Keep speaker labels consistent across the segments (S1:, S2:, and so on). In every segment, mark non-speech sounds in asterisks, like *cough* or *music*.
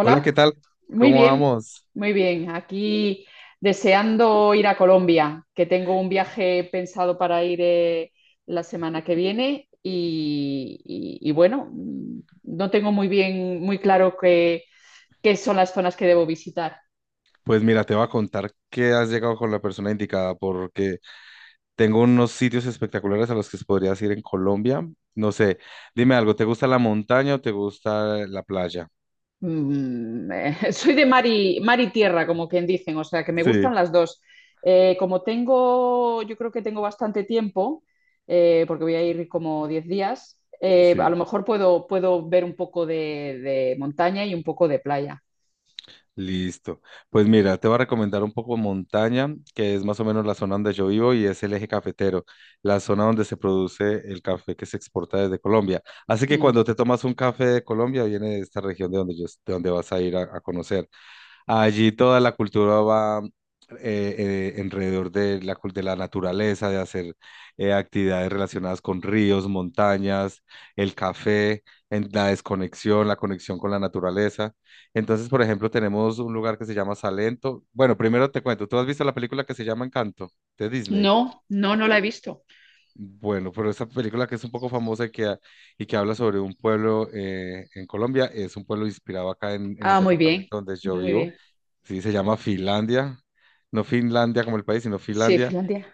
S1: Hola, ¿qué tal?
S2: muy
S1: ¿Cómo
S2: bien,
S1: vamos?
S2: muy bien. Aquí deseando ir a Colombia, que tengo un viaje pensado para ir la semana que viene y bueno, no tengo muy bien, muy claro qué son las zonas que debo visitar.
S1: Pues mira, te voy a contar que has llegado con la persona indicada porque tengo unos sitios espectaculares a los que podrías ir en Colombia. No sé, dime algo, ¿te gusta la montaña o te gusta la playa?
S2: *laughs* Soy de mar y tierra, como quien dicen, o sea que me
S1: Sí,
S2: gustan las dos. Yo creo que tengo bastante tiempo, porque voy a ir como 10 días, a lo
S1: sí.
S2: mejor puedo ver un poco de montaña y un poco de playa.
S1: Listo. Pues mira, te voy a recomendar un poco montaña, que es más o menos la zona donde yo vivo y es el eje cafetero, la zona donde se produce el café que se exporta desde Colombia. Así que
S2: Mm.
S1: cuando te tomas un café de Colombia, viene de esta región de donde yo, de donde vas a ir a conocer. Allí toda la cultura va alrededor de la, de la naturaleza, de hacer actividades relacionadas con ríos, montañas, el café, en la desconexión, la conexión con la naturaleza. Entonces, por ejemplo, tenemos un lugar que se llama Salento. Bueno, primero te cuento, ¿tú has visto la película que se llama Encanto de Disney?
S2: No, no, no la he visto.
S1: Bueno, pero esta película que es un poco famosa y que, y que habla sobre un pueblo en Colombia, es un pueblo inspirado acá en el
S2: Ah, muy bien,
S1: departamento donde yo
S2: muy
S1: vivo.
S2: bien.
S1: Sí, se llama Finlandia. No Finlandia como el país, sino
S2: Sí,
S1: Finlandia.
S2: Finlandia.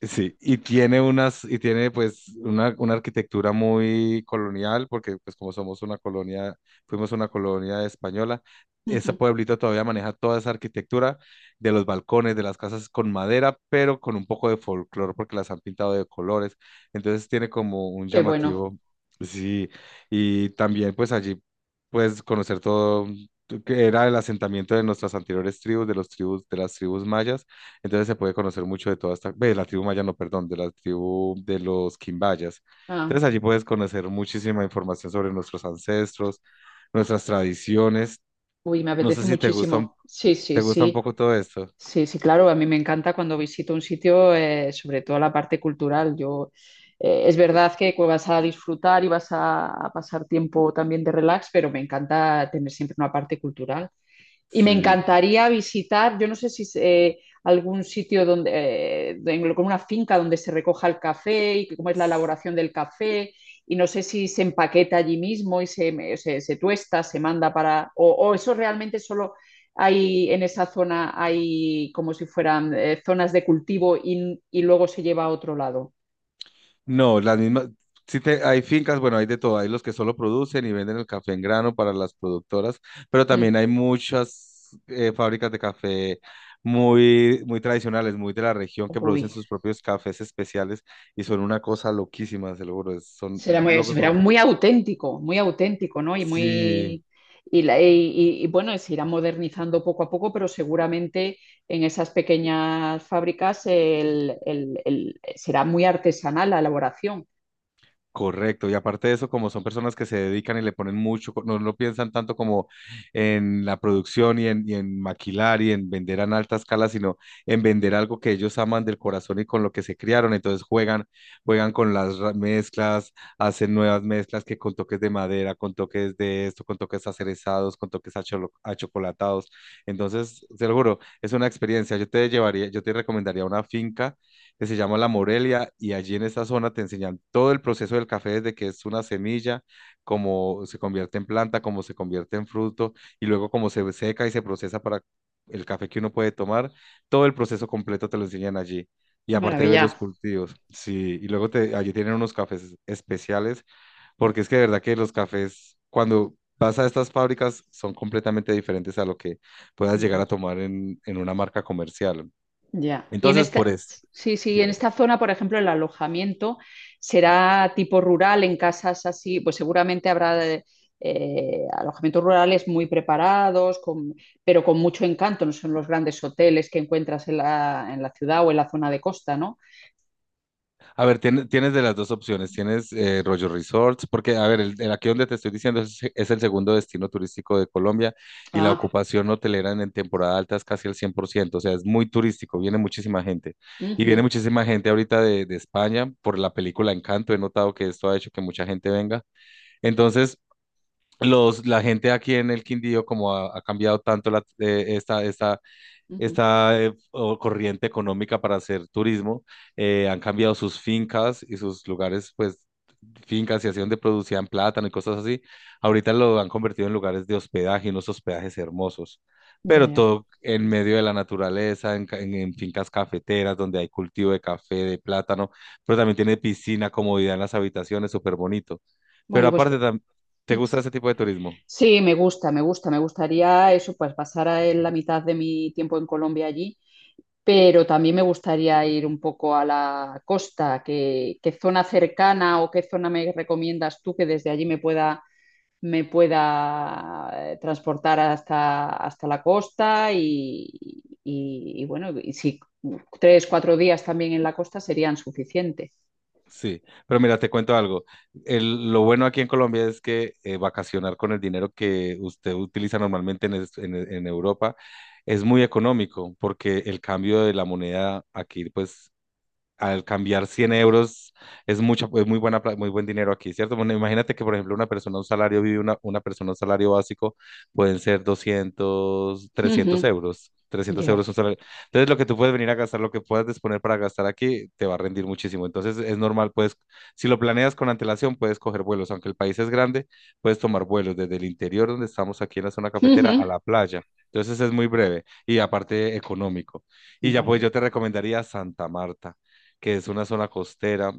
S1: Sí, y tiene unas, y tiene pues una arquitectura muy colonial, porque pues como somos una colonia, fuimos una colonia española, ese
S2: Ujú.
S1: pueblito todavía maneja toda esa arquitectura de los balcones, de las casas con madera, pero con un poco de folclore, porque las han pintado de colores, entonces tiene como un
S2: Qué bueno.
S1: llamativo, sí, y también pues allí puedes conocer todo, que era el asentamiento de nuestras anteriores tribus, de las tribus mayas, entonces se puede conocer mucho de toda esta, de la tribu maya, no, perdón, de la tribu de los quimbayas.
S2: Ah.
S1: Entonces allí puedes conocer muchísima información sobre nuestros ancestros, nuestras tradiciones.
S2: Uy, me
S1: No sé
S2: apetece
S1: si te gusta,
S2: muchísimo. Sí, sí,
S1: te gusta un
S2: sí.
S1: poco todo esto.
S2: Sí, sí, claro, a mí me encanta cuando visito un sitio, sobre todo la parte cultural. Es verdad que vas a disfrutar y vas a pasar tiempo también de relax, pero me encanta tener siempre una parte cultural. Y me
S1: Sí.
S2: encantaría visitar, yo no sé si es, algún sitio donde, con una finca donde se recoja el café y cómo es la elaboración del café, y no sé si se empaqueta allí mismo y se tuesta, se manda para, o eso realmente solo hay en esa zona, hay como si fueran zonas de cultivo y luego se lleva a otro lado.
S1: No, las mismas, sí, hay fincas, bueno, hay de todo, hay los que solo producen y venden el café en grano para las productoras, pero
S2: Mm.
S1: también hay muchas fábricas de café muy, muy tradicionales, muy de la región, que producen
S2: Uy.
S1: sus propios cafés especiales y son una cosa loquísima, se lo juro, son
S2: Será muy,
S1: locos
S2: será
S1: por...
S2: muy auténtico, muy auténtico, ¿no? Y
S1: Sí.
S2: muy. Y, la- y- y, bueno, se irá modernizando poco a poco, pero seguramente en esas pequeñas fábricas será muy artesanal la elaboración.
S1: Correcto, y aparte de eso, como son personas que se dedican y le ponen mucho, no, no piensan tanto como en la producción y en maquilar y en vender en alta escala, sino en vender algo que ellos aman del corazón y con lo que se criaron. Entonces juegan con las mezclas, hacen nuevas mezclas que con toques de madera, con toques de esto, con toques acerezados, con toques achocolatados. Entonces, seguro, es una experiencia. Yo te llevaría, yo te recomendaría una finca que se llama La Morelia y allí en esta zona te enseñan todo el proceso del café desde que es una semilla, cómo se convierte en planta, cómo se convierte en fruto y luego cómo se seca y se procesa para el café que uno puede tomar. Todo el proceso completo te lo enseñan allí. Y
S2: Qué
S1: aparte de ver los
S2: maravilla.
S1: cultivos, sí, y luego te, allí tienen unos cafés especiales, porque es que de verdad que los cafés, cuando vas a estas fábricas, son completamente diferentes a lo que puedas llegar a
S2: Ujú.
S1: tomar en, una marca comercial.
S2: Ya. Y
S1: Entonces, por eso,
S2: sí, sí, en
S1: dime.
S2: esta zona, por ejemplo, el alojamiento será tipo rural, en casas así, pues seguramente habrá alojamientos rurales muy preparados, pero con mucho encanto, no son los grandes hoteles que encuentras en la ciudad o en la zona de costa, ¿no?
S1: A ver, tienes de las dos opciones. Tienes Rollo Resorts, porque, a ver, el aquí donde te estoy diciendo es el segundo destino turístico de Colombia y la
S2: Ah,
S1: ocupación hotelera en, temporada alta es casi el 100%, o sea, es muy turístico, viene muchísima gente. Y
S2: ujú,
S1: viene muchísima gente ahorita de España por la película Encanto, he notado que esto ha hecho que mucha gente venga. Entonces, los, la gente aquí en el Quindío, como ha cambiado tanto la, esta, esta
S2: ujú.
S1: esta corriente económica para hacer turismo, han cambiado sus fincas y sus lugares, pues fincas y así donde producían plátano y cosas así, ahorita lo han convertido en lugares de hospedaje, y unos hospedajes hermosos,
S2: Ya,
S1: pero
S2: ya.
S1: todo en medio de la naturaleza, en fincas cafeteras donde hay cultivo de café, de plátano, pero también tiene piscina, comodidad en las habitaciones, súper bonito. Pero
S2: Bueno, pues
S1: aparte, ¿te gusta ese tipo de turismo?
S2: sí, me gusta, me gusta, me gustaría eso, pues pasar en la mitad de mi tiempo en Colombia allí, pero también me gustaría ir un poco a la costa. ¿Qué zona cercana o qué zona me recomiendas tú que desde allí me pueda transportar hasta la costa? Y bueno, y si 3, 4 días también en la costa serían suficientes.
S1: Sí, pero mira, te cuento algo. Lo bueno aquí en Colombia es que vacacionar con el dinero que usted utiliza normalmente en Europa es muy económico porque el cambio de la moneda aquí pues al cambiar 100 euros es mucha, es muy buena, muy buen dinero aquí, ¿cierto? Bueno, imagínate que, por ejemplo, una persona, un salario vive, una persona, un salario básico, pueden ser 200
S2: Ujú.
S1: 300 euros. Trescientos
S2: Ya.
S1: euros un salario. Entonces, lo que tú puedes venir a gastar, lo que puedas disponer para gastar aquí, te va a rendir muchísimo. Entonces, es normal, puedes, si lo planeas con antelación, puedes coger vuelos. Aunque el país es grande, puedes tomar vuelos desde el interior, donde estamos aquí en la zona cafetera,
S2: Ujú.
S1: a la playa. Entonces, es muy breve y aparte económico. Y ya, pues,
S2: Bueno,
S1: yo te recomendaría Santa Marta que es una zona costera,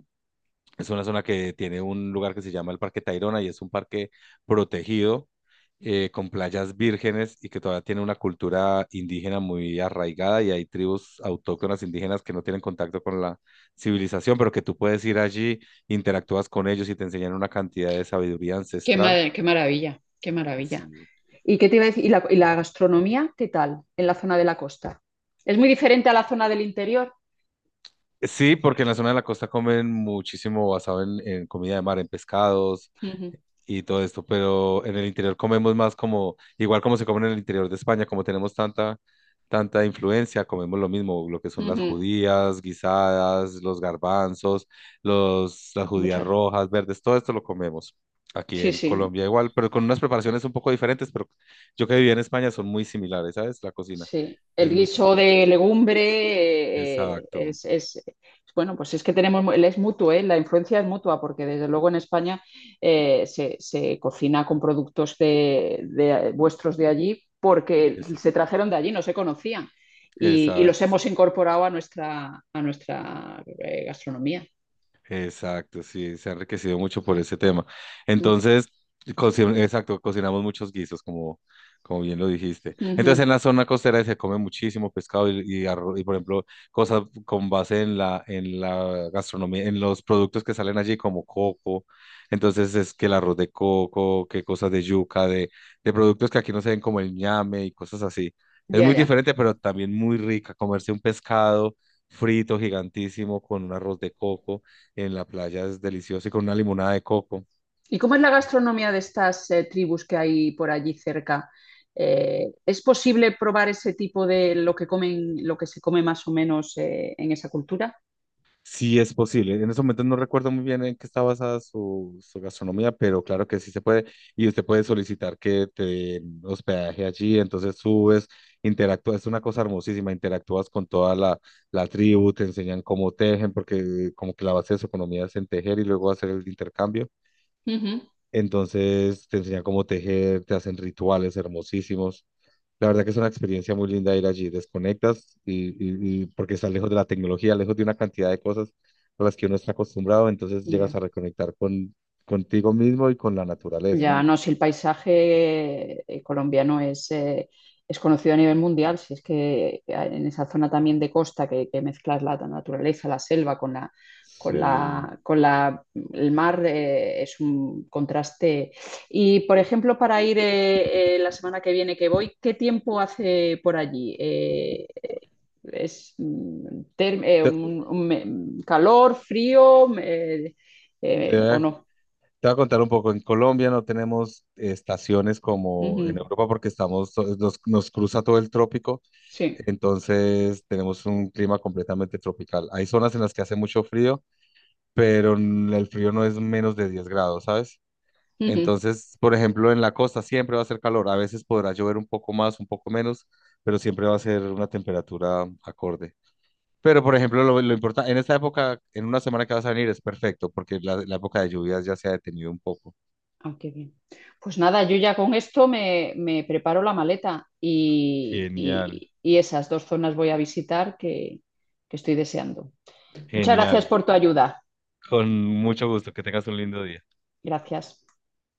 S1: es una zona que tiene un lugar que se llama el Parque Tayrona y es un parque protegido con playas vírgenes y que todavía tiene una cultura indígena muy arraigada y hay tribus autóctonas indígenas que no tienen contacto con la civilización, pero que tú puedes ir allí, interactúas con ellos y te enseñan una cantidad de sabiduría ancestral.
S2: qué maravilla, qué maravilla.
S1: Sí.
S2: ¿Y qué te iba a decir? ¿Y la gastronomía, qué tal en la zona de la costa? ¿Es muy diferente a la zona del interior?
S1: Sí, porque en la zona de la costa comen muchísimo basado en comida de mar, en pescados, y todo esto, pero en el interior comemos más como, igual como se come en el interior de España, como tenemos tanta influencia, comemos lo mismo, lo que son las
S2: Ujú.
S1: judías guisadas, los garbanzos, los, las judías
S2: Muchas.
S1: rojas, verdes, todo esto lo comemos. Aquí
S2: Sí,
S1: en
S2: sí,
S1: Colombia igual, pero con unas preparaciones un poco diferentes, pero yo que viví en España son muy similares, ¿sabes? La cocina
S2: sí. El
S1: es muy
S2: guiso
S1: similar.
S2: de legumbre eh, eh,
S1: Exacto,
S2: es, es- bueno, pues es que es mutuo, la influencia es mutua, porque desde luego en España se cocina con productos vuestros de allí, porque
S1: es-
S2: se trajeron de allí, no se conocían, y los
S1: exacto, sí.
S2: hemos incorporado a nuestra gastronomía.
S1: Exacto, sí, se ha enriquecido mucho por ese tema.
S2: Ujú,
S1: Entonces, exacto, cocinamos muchos guisos, como bien lo dijiste. Entonces, en
S2: ujú.
S1: la zona costera se come muchísimo pescado y arroz, y por ejemplo, cosas con base en la gastronomía, en los productos que salen allí, como coco. Entonces, es que el arroz de coco, que cosas de yuca, de productos que aquí no se ven como el ñame y cosas así. Es
S2: Ya,
S1: muy
S2: ya.
S1: diferente, pero también muy rica comerse un pescado frito gigantísimo con un arroz de coco en la playa es delicioso y con una limonada de coco.
S2: ¿Y cómo es la gastronomía de estas tribus que hay por allí cerca? ¿Es posible probar ese tipo de lo que comen, lo que se come más o menos en esa cultura?
S1: Sí es posible. En ese momento no recuerdo muy bien en qué está basada su gastronomía, pero claro que sí se puede. Y usted puede solicitar que te den hospedaje allí, entonces subes, interactúas, es una cosa hermosísima, interactúas con toda la tribu, te enseñan cómo tejen, porque como que la base de su economía es en tejer y luego hacer el intercambio.
S2: Ujú.
S1: Entonces te enseñan cómo tejer, te hacen rituales hermosísimos. La verdad que es una experiencia muy linda ir allí. Desconectas y porque estás lejos de la tecnología, lejos de una cantidad de cosas a las que uno está acostumbrado, entonces
S2: Ya.
S1: llegas a reconectar con, contigo mismo y con la naturaleza.
S2: Ya, no, si el paisaje colombiano es conocido a nivel mundial, si es que en esa zona también de costa que mezclas la naturaleza, la selva con con
S1: Sí.
S2: la, con la, el mar, es un contraste. Y, por ejemplo, para ir la semana que viene que voy, ¿qué tiempo hace por allí? ¿Es mm, term- eh,
S1: Te,
S2: un, un me- calor, frío
S1: te voy
S2: o
S1: a, te
S2: no?
S1: voy a contar un poco. En Colombia no tenemos estaciones como en
S2: Ujú.
S1: Europa porque nos cruza todo el trópico,
S2: Sí.
S1: entonces tenemos un clima completamente tropical. Hay zonas en las que hace mucho frío pero el frío no es menos de 10 grados, ¿sabes?
S2: Ujú.
S1: Entonces, por ejemplo, en la costa siempre va a hacer calor, a veces podrá llover un poco más, un poco menos, pero siempre va a ser una temperatura acorde. Pero, por ejemplo, lo importante, en esta época, en una semana que vas a venir es perfecto, porque la época de lluvias ya se ha detenido un poco.
S2: Ah, qué bien. Pues nada, yo ya con esto me preparo la maleta y,
S1: Genial,
S2: y- y esas dos zonas voy a visitar que estoy deseando. Muchas gracias
S1: genial.
S2: por tu ayuda.
S1: Con mucho gusto, que tengas un lindo día.
S2: Gracias.